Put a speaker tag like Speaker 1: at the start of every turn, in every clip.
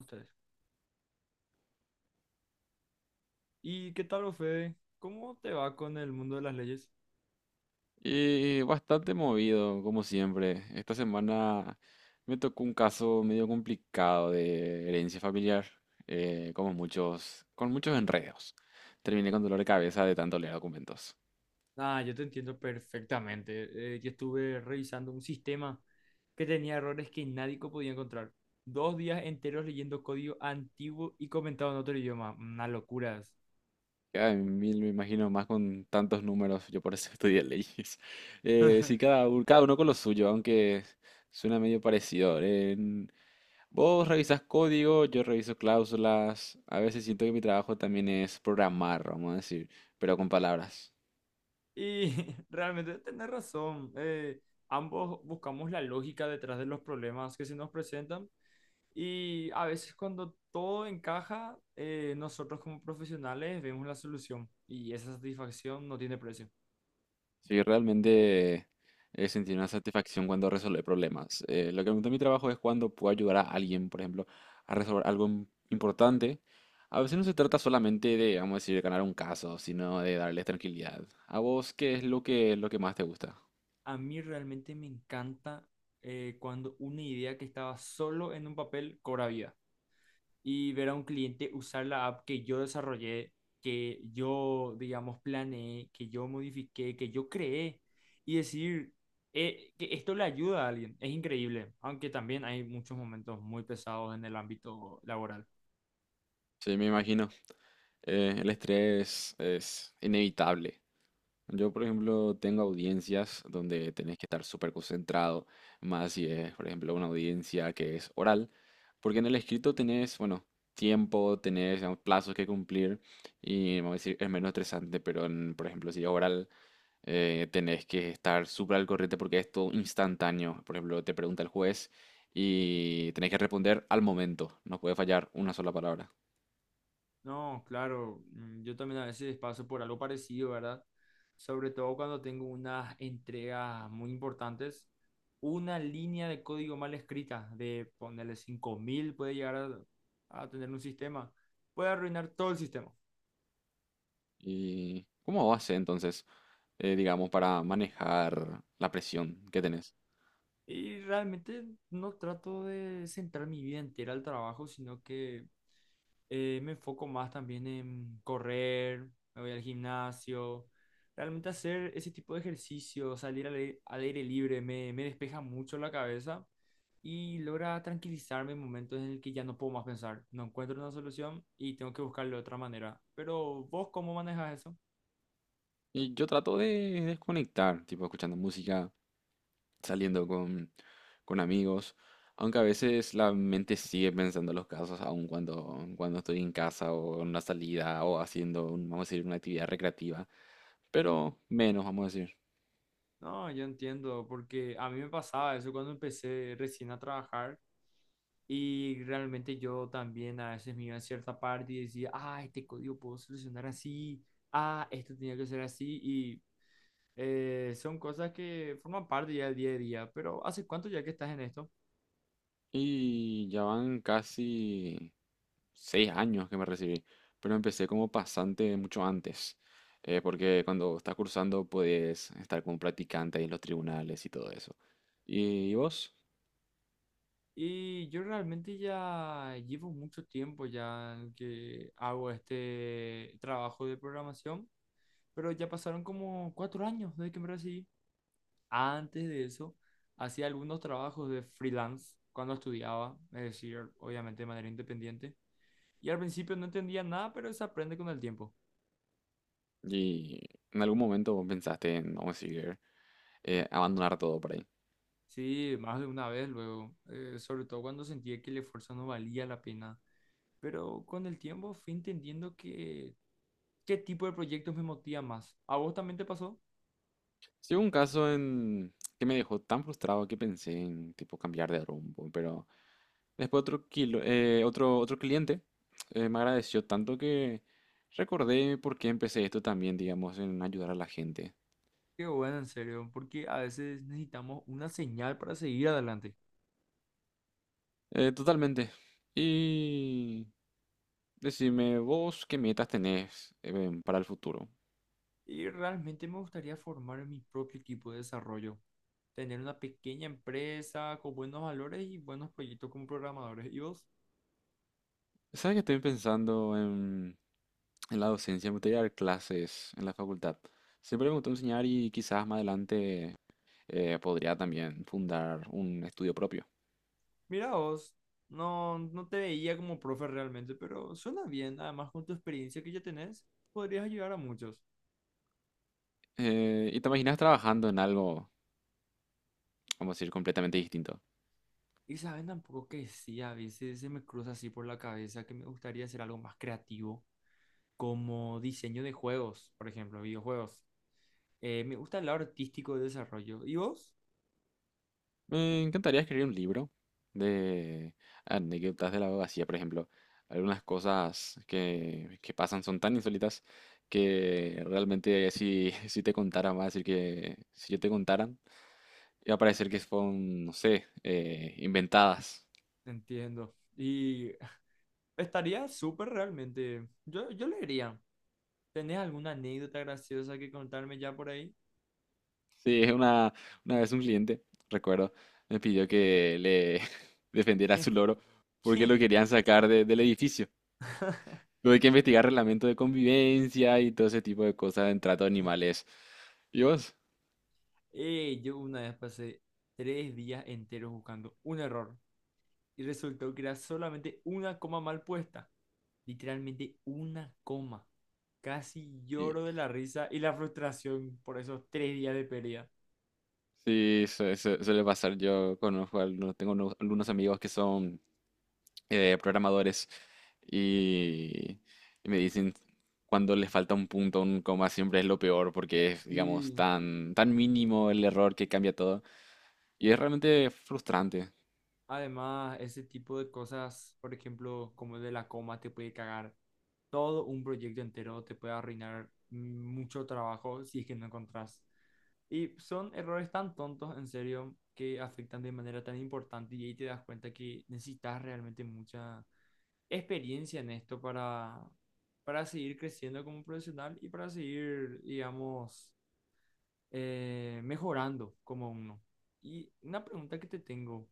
Speaker 1: Ustedes. ¿Y qué tal, Fede? ¿Cómo te va con el mundo de las leyes?
Speaker 2: Y bastante movido, como siempre. Esta semana me tocó un caso medio complicado de herencia familiar, como muchos, con muchos enredos. Terminé con dolor de cabeza de tanto leer documentos.
Speaker 1: Ah, yo te entiendo perfectamente. Yo estuve revisando un sistema que tenía errores que nadie podía encontrar. 2 días enteros leyendo código antiguo y comentado en otro idioma. Unas locuras.
Speaker 2: Ay, mil me imagino más con tantos números, yo por eso estudié leyes. Sí, cada uno con lo suyo, aunque suena medio parecido. Vos revisas código, yo reviso cláusulas. A veces siento que mi trabajo también es programar, vamos a decir, pero con palabras.
Speaker 1: Y realmente tenés razón. Ambos buscamos la lógica detrás de los problemas que se nos presentan. Y a veces cuando todo encaja, nosotros como profesionales vemos la solución y esa satisfacción no tiene precio.
Speaker 2: Sí, realmente he sentido una satisfacción cuando resuelve problemas. Lo que me gusta de mi trabajo es cuando puedo ayudar a alguien, por ejemplo, a resolver algo importante. A veces no se trata solamente de, vamos a decir, ganar un caso, sino de darles tranquilidad. ¿A vos qué es lo que más te gusta?
Speaker 1: A mí realmente me encanta cuando una idea que estaba solo en un papel cobra vida y ver a un cliente usar la app que yo desarrollé, que yo, digamos, planeé, que yo modifiqué, que yo creé y decir que esto le ayuda a alguien. Es increíble, aunque también hay muchos momentos muy pesados en el ámbito laboral.
Speaker 2: Sí, me imagino. El estrés es inevitable. Yo, por ejemplo, tengo audiencias donde tenés que estar súper concentrado, más si es, por ejemplo, una audiencia que es oral, porque en el escrito tenés, bueno, tiempo, tenés, digamos, plazos que cumplir y, vamos a decir, es menos estresante, pero en, por ejemplo, si es oral, tenés que estar súper al corriente porque es todo instantáneo. Por ejemplo, te pregunta el juez y tenés que responder al momento, no puede fallar una sola palabra.
Speaker 1: No, claro, yo también a veces paso por algo parecido, ¿verdad? Sobre todo cuando tengo unas entregas muy importantes, una línea de código mal escrita, de ponerle 5.000 puede llegar a tener un sistema, puede arruinar todo el sistema.
Speaker 2: ¿Y cómo haces entonces, digamos, para manejar la presión que tenés?
Speaker 1: Y realmente no trato de centrar mi vida entera al trabajo, sino que me enfoco más también en correr, me voy al gimnasio. Realmente hacer ese tipo de ejercicio, salir al aire libre, me despeja mucho la cabeza y logra tranquilizarme en momentos en el que ya no puedo más pensar. No encuentro una solución y tengo que buscarle otra manera. Pero vos, ¿cómo manejas eso?
Speaker 2: Y yo trato de desconectar, tipo escuchando música, saliendo con amigos, aunque a veces la mente sigue pensando en los casos, aun cuando estoy en casa o en una salida o haciendo, vamos a decir, una actividad recreativa, pero menos, vamos a decir.
Speaker 1: No, yo entiendo, porque a mí me pasaba eso cuando empecé recién a trabajar. Y realmente yo también a veces me iba a cierta parte y decía, ah, este código puedo solucionar así, ah, esto tenía que ser así. Y son cosas que forman parte ya del día a día. Pero ¿hace cuánto ya que estás en esto?
Speaker 2: Y ya van casi 6 años que me recibí, pero empecé como pasante mucho antes, porque cuando estás cursando puedes estar como practicante ahí en los tribunales y todo eso. ¿Y vos?
Speaker 1: Y yo realmente ya llevo mucho tiempo ya que hago este trabajo de programación, pero ya pasaron como 4 años desde que me recibí. Antes de eso, hacía algunos trabajos de freelance cuando estudiaba, es decir, obviamente de manera independiente. Y al principio no entendía nada, pero se aprende con el tiempo.
Speaker 2: ¿Y en algún momento vos pensaste en, vamos a decir, abandonar todo por ahí?
Speaker 1: Sí, más de una vez luego, sobre todo cuando sentía que el esfuerzo no valía la pena. Pero con el tiempo fui entendiendo que qué tipo de proyectos me motiva más. ¿A vos también te pasó?
Speaker 2: Sí, hubo un caso en que me dejó tan frustrado que pensé en tipo cambiar de rumbo, pero después otro cliente me agradeció tanto que recordé por qué empecé esto también, digamos, en ayudar a la gente.
Speaker 1: Qué bueno, en serio, porque a veces necesitamos una señal para seguir adelante.
Speaker 2: Totalmente. Y decime, vos, ¿qué metas tenés, para el futuro?
Speaker 1: Y realmente me gustaría formar mi propio equipo de desarrollo, tener una pequeña empresa con buenos valores y buenos proyectos como programadores. ¿Y vos?
Speaker 2: Sabes que estoy pensando en la docencia, me gustaría dar clases en la facultad. Siempre me gustó enseñar y quizás más adelante podría también fundar un estudio propio.
Speaker 1: Mira vos, no, no te veía como profe realmente, pero suena bien. Además, con tu experiencia que ya tenés, podrías ayudar a muchos.
Speaker 2: ¿Y te imaginas trabajando en algo, vamos a decir, completamente distinto?
Speaker 1: Y saben tampoco que sí, a veces se me cruza así por la cabeza que me gustaría hacer algo más creativo, como diseño de juegos, por ejemplo, videojuegos. Me gusta el lado artístico de desarrollo. ¿Y vos?
Speaker 2: Me encantaría escribir un libro de anécdotas de la abogacía, por ejemplo. Algunas cosas que pasan son tan insólitas que realmente si, si te contaran, va a decir que si yo te contaran, iba a parecer que son, no sé, inventadas.
Speaker 1: Entiendo. Y estaría súper realmente. Yo leería. ¿Tenés alguna anécdota graciosa que contarme ya por ahí?
Speaker 2: Sí, es una vez un cliente, recuerdo, me pidió que le defendiera a su loro porque lo
Speaker 1: ¿Qué?
Speaker 2: querían sacar del edificio. Tuve que investigar reglamento de convivencia y todo ese tipo de cosas en trato de animales. ¿Y vos?
Speaker 1: Yo una vez pasé 3 días enteros buscando un error y resultó que era solamente una coma mal puesta. Literalmente una coma. Casi
Speaker 2: Y-
Speaker 1: lloro de la risa y la frustración por esos 3 días de pérdida.
Speaker 2: Sí, suele pasar. Yo conozco, algunos, tengo algunos amigos que son programadores y, y me dicen cuando les falta un punto, un coma, siempre es lo peor porque es, digamos,
Speaker 1: Y
Speaker 2: tan, tan mínimo el error que cambia todo. Y es realmente frustrante.
Speaker 1: además, ese tipo de cosas, por ejemplo, como el de la coma, te puede cagar todo un proyecto entero, te puede arruinar mucho trabajo si es que no encontrás. Y son errores tan tontos, en serio, que afectan de manera tan importante y ahí te das cuenta que necesitas realmente mucha experiencia en esto para, seguir creciendo como profesional y para seguir, digamos, mejorando como uno. Y una pregunta que te tengo,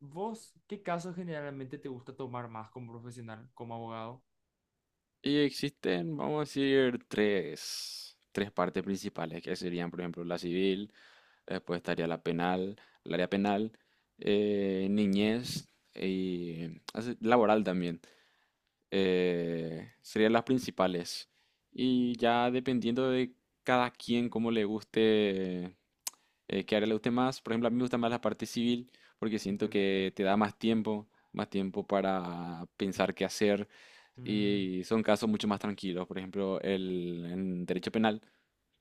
Speaker 1: ¿vos qué casos generalmente te gusta tomar más como profesional, como abogado?
Speaker 2: Y existen, vamos a decir, tres partes principales, que serían, por ejemplo, la civil. Después estaría la penal, el área penal, niñez y así, laboral también. Serían las principales. Y ya dependiendo de cada quien, cómo le guste, qué área le guste más. Por ejemplo, a mí me gusta más la parte civil porque siento
Speaker 1: Entiendo.
Speaker 2: que te da más tiempo para pensar qué hacer
Speaker 1: Mm,
Speaker 2: y son casos mucho más tranquilos. Por ejemplo, en derecho penal,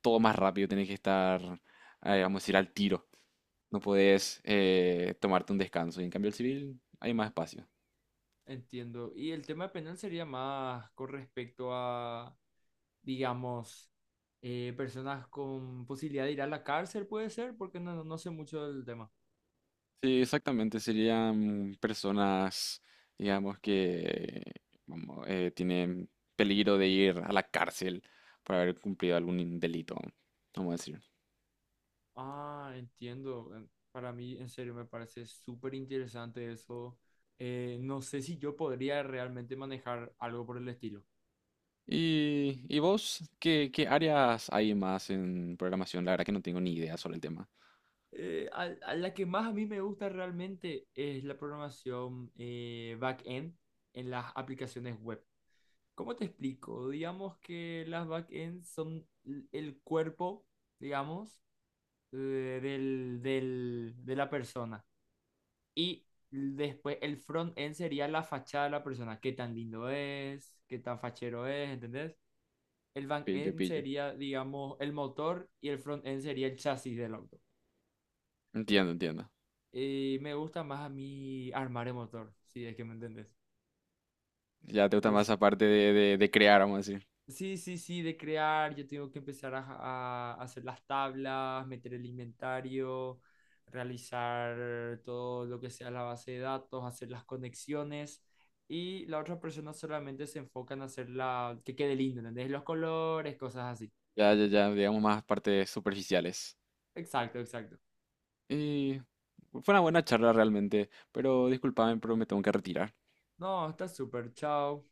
Speaker 2: todo más rápido, tienes que estar, vamos a decir, al tiro. No podés, tomarte un descanso. Y en cambio el civil hay más espacio.
Speaker 1: entiendo. Y el tema penal sería más con respecto a, digamos, personas con posibilidad de ir a la cárcel, puede ser, porque no, no sé mucho del tema.
Speaker 2: Sí, exactamente. Serían personas, digamos, que vamos, tienen peligro de ir a la cárcel por haber cumplido algún delito, vamos a decir.
Speaker 1: Ah, entiendo. En- Para mí, en serio, me parece súper interesante eso. No sé si yo podría realmente manejar algo por el estilo.
Speaker 2: Y vos? ¿Qué, qué áreas hay más en programación? La verdad que no tengo ni idea sobre el tema.
Speaker 1: A la que más a mí me gusta realmente es la programación, back-end en las aplicaciones web. ¿Cómo te explico? Digamos que las back-end son el cuerpo, digamos, de la persona. Y después el front-end sería la fachada de la persona. Qué tan lindo es, qué tan fachero es, ¿entendés? El
Speaker 2: Pillo,
Speaker 1: back-end
Speaker 2: pillo.
Speaker 1: sería, digamos, el motor y el front-end sería el chasis del auto.
Speaker 2: Entiendo, entiendo.
Speaker 1: Y me gusta más a mí armar el motor, si es que me entendés.
Speaker 2: Ya te gusta
Speaker 1: Es,
Speaker 2: más esa parte de crear, vamos a decir.
Speaker 1: Sí, sí, sí, de crear, yo tengo que empezar a, a hacer las tablas, meter el inventario, realizar todo lo que sea la base de datos, hacer las conexiones y la otra persona solamente se enfoca en hacer la, que quede lindo, ¿entendés? Los colores, cosas así.
Speaker 2: Ya, ya, ya, digamos más partes superficiales.
Speaker 1: Exacto, exacto.
Speaker 2: Y fue una buena charla realmente, pero discúlpame, pero me tengo que retirar.
Speaker 1: No, está súper, chao.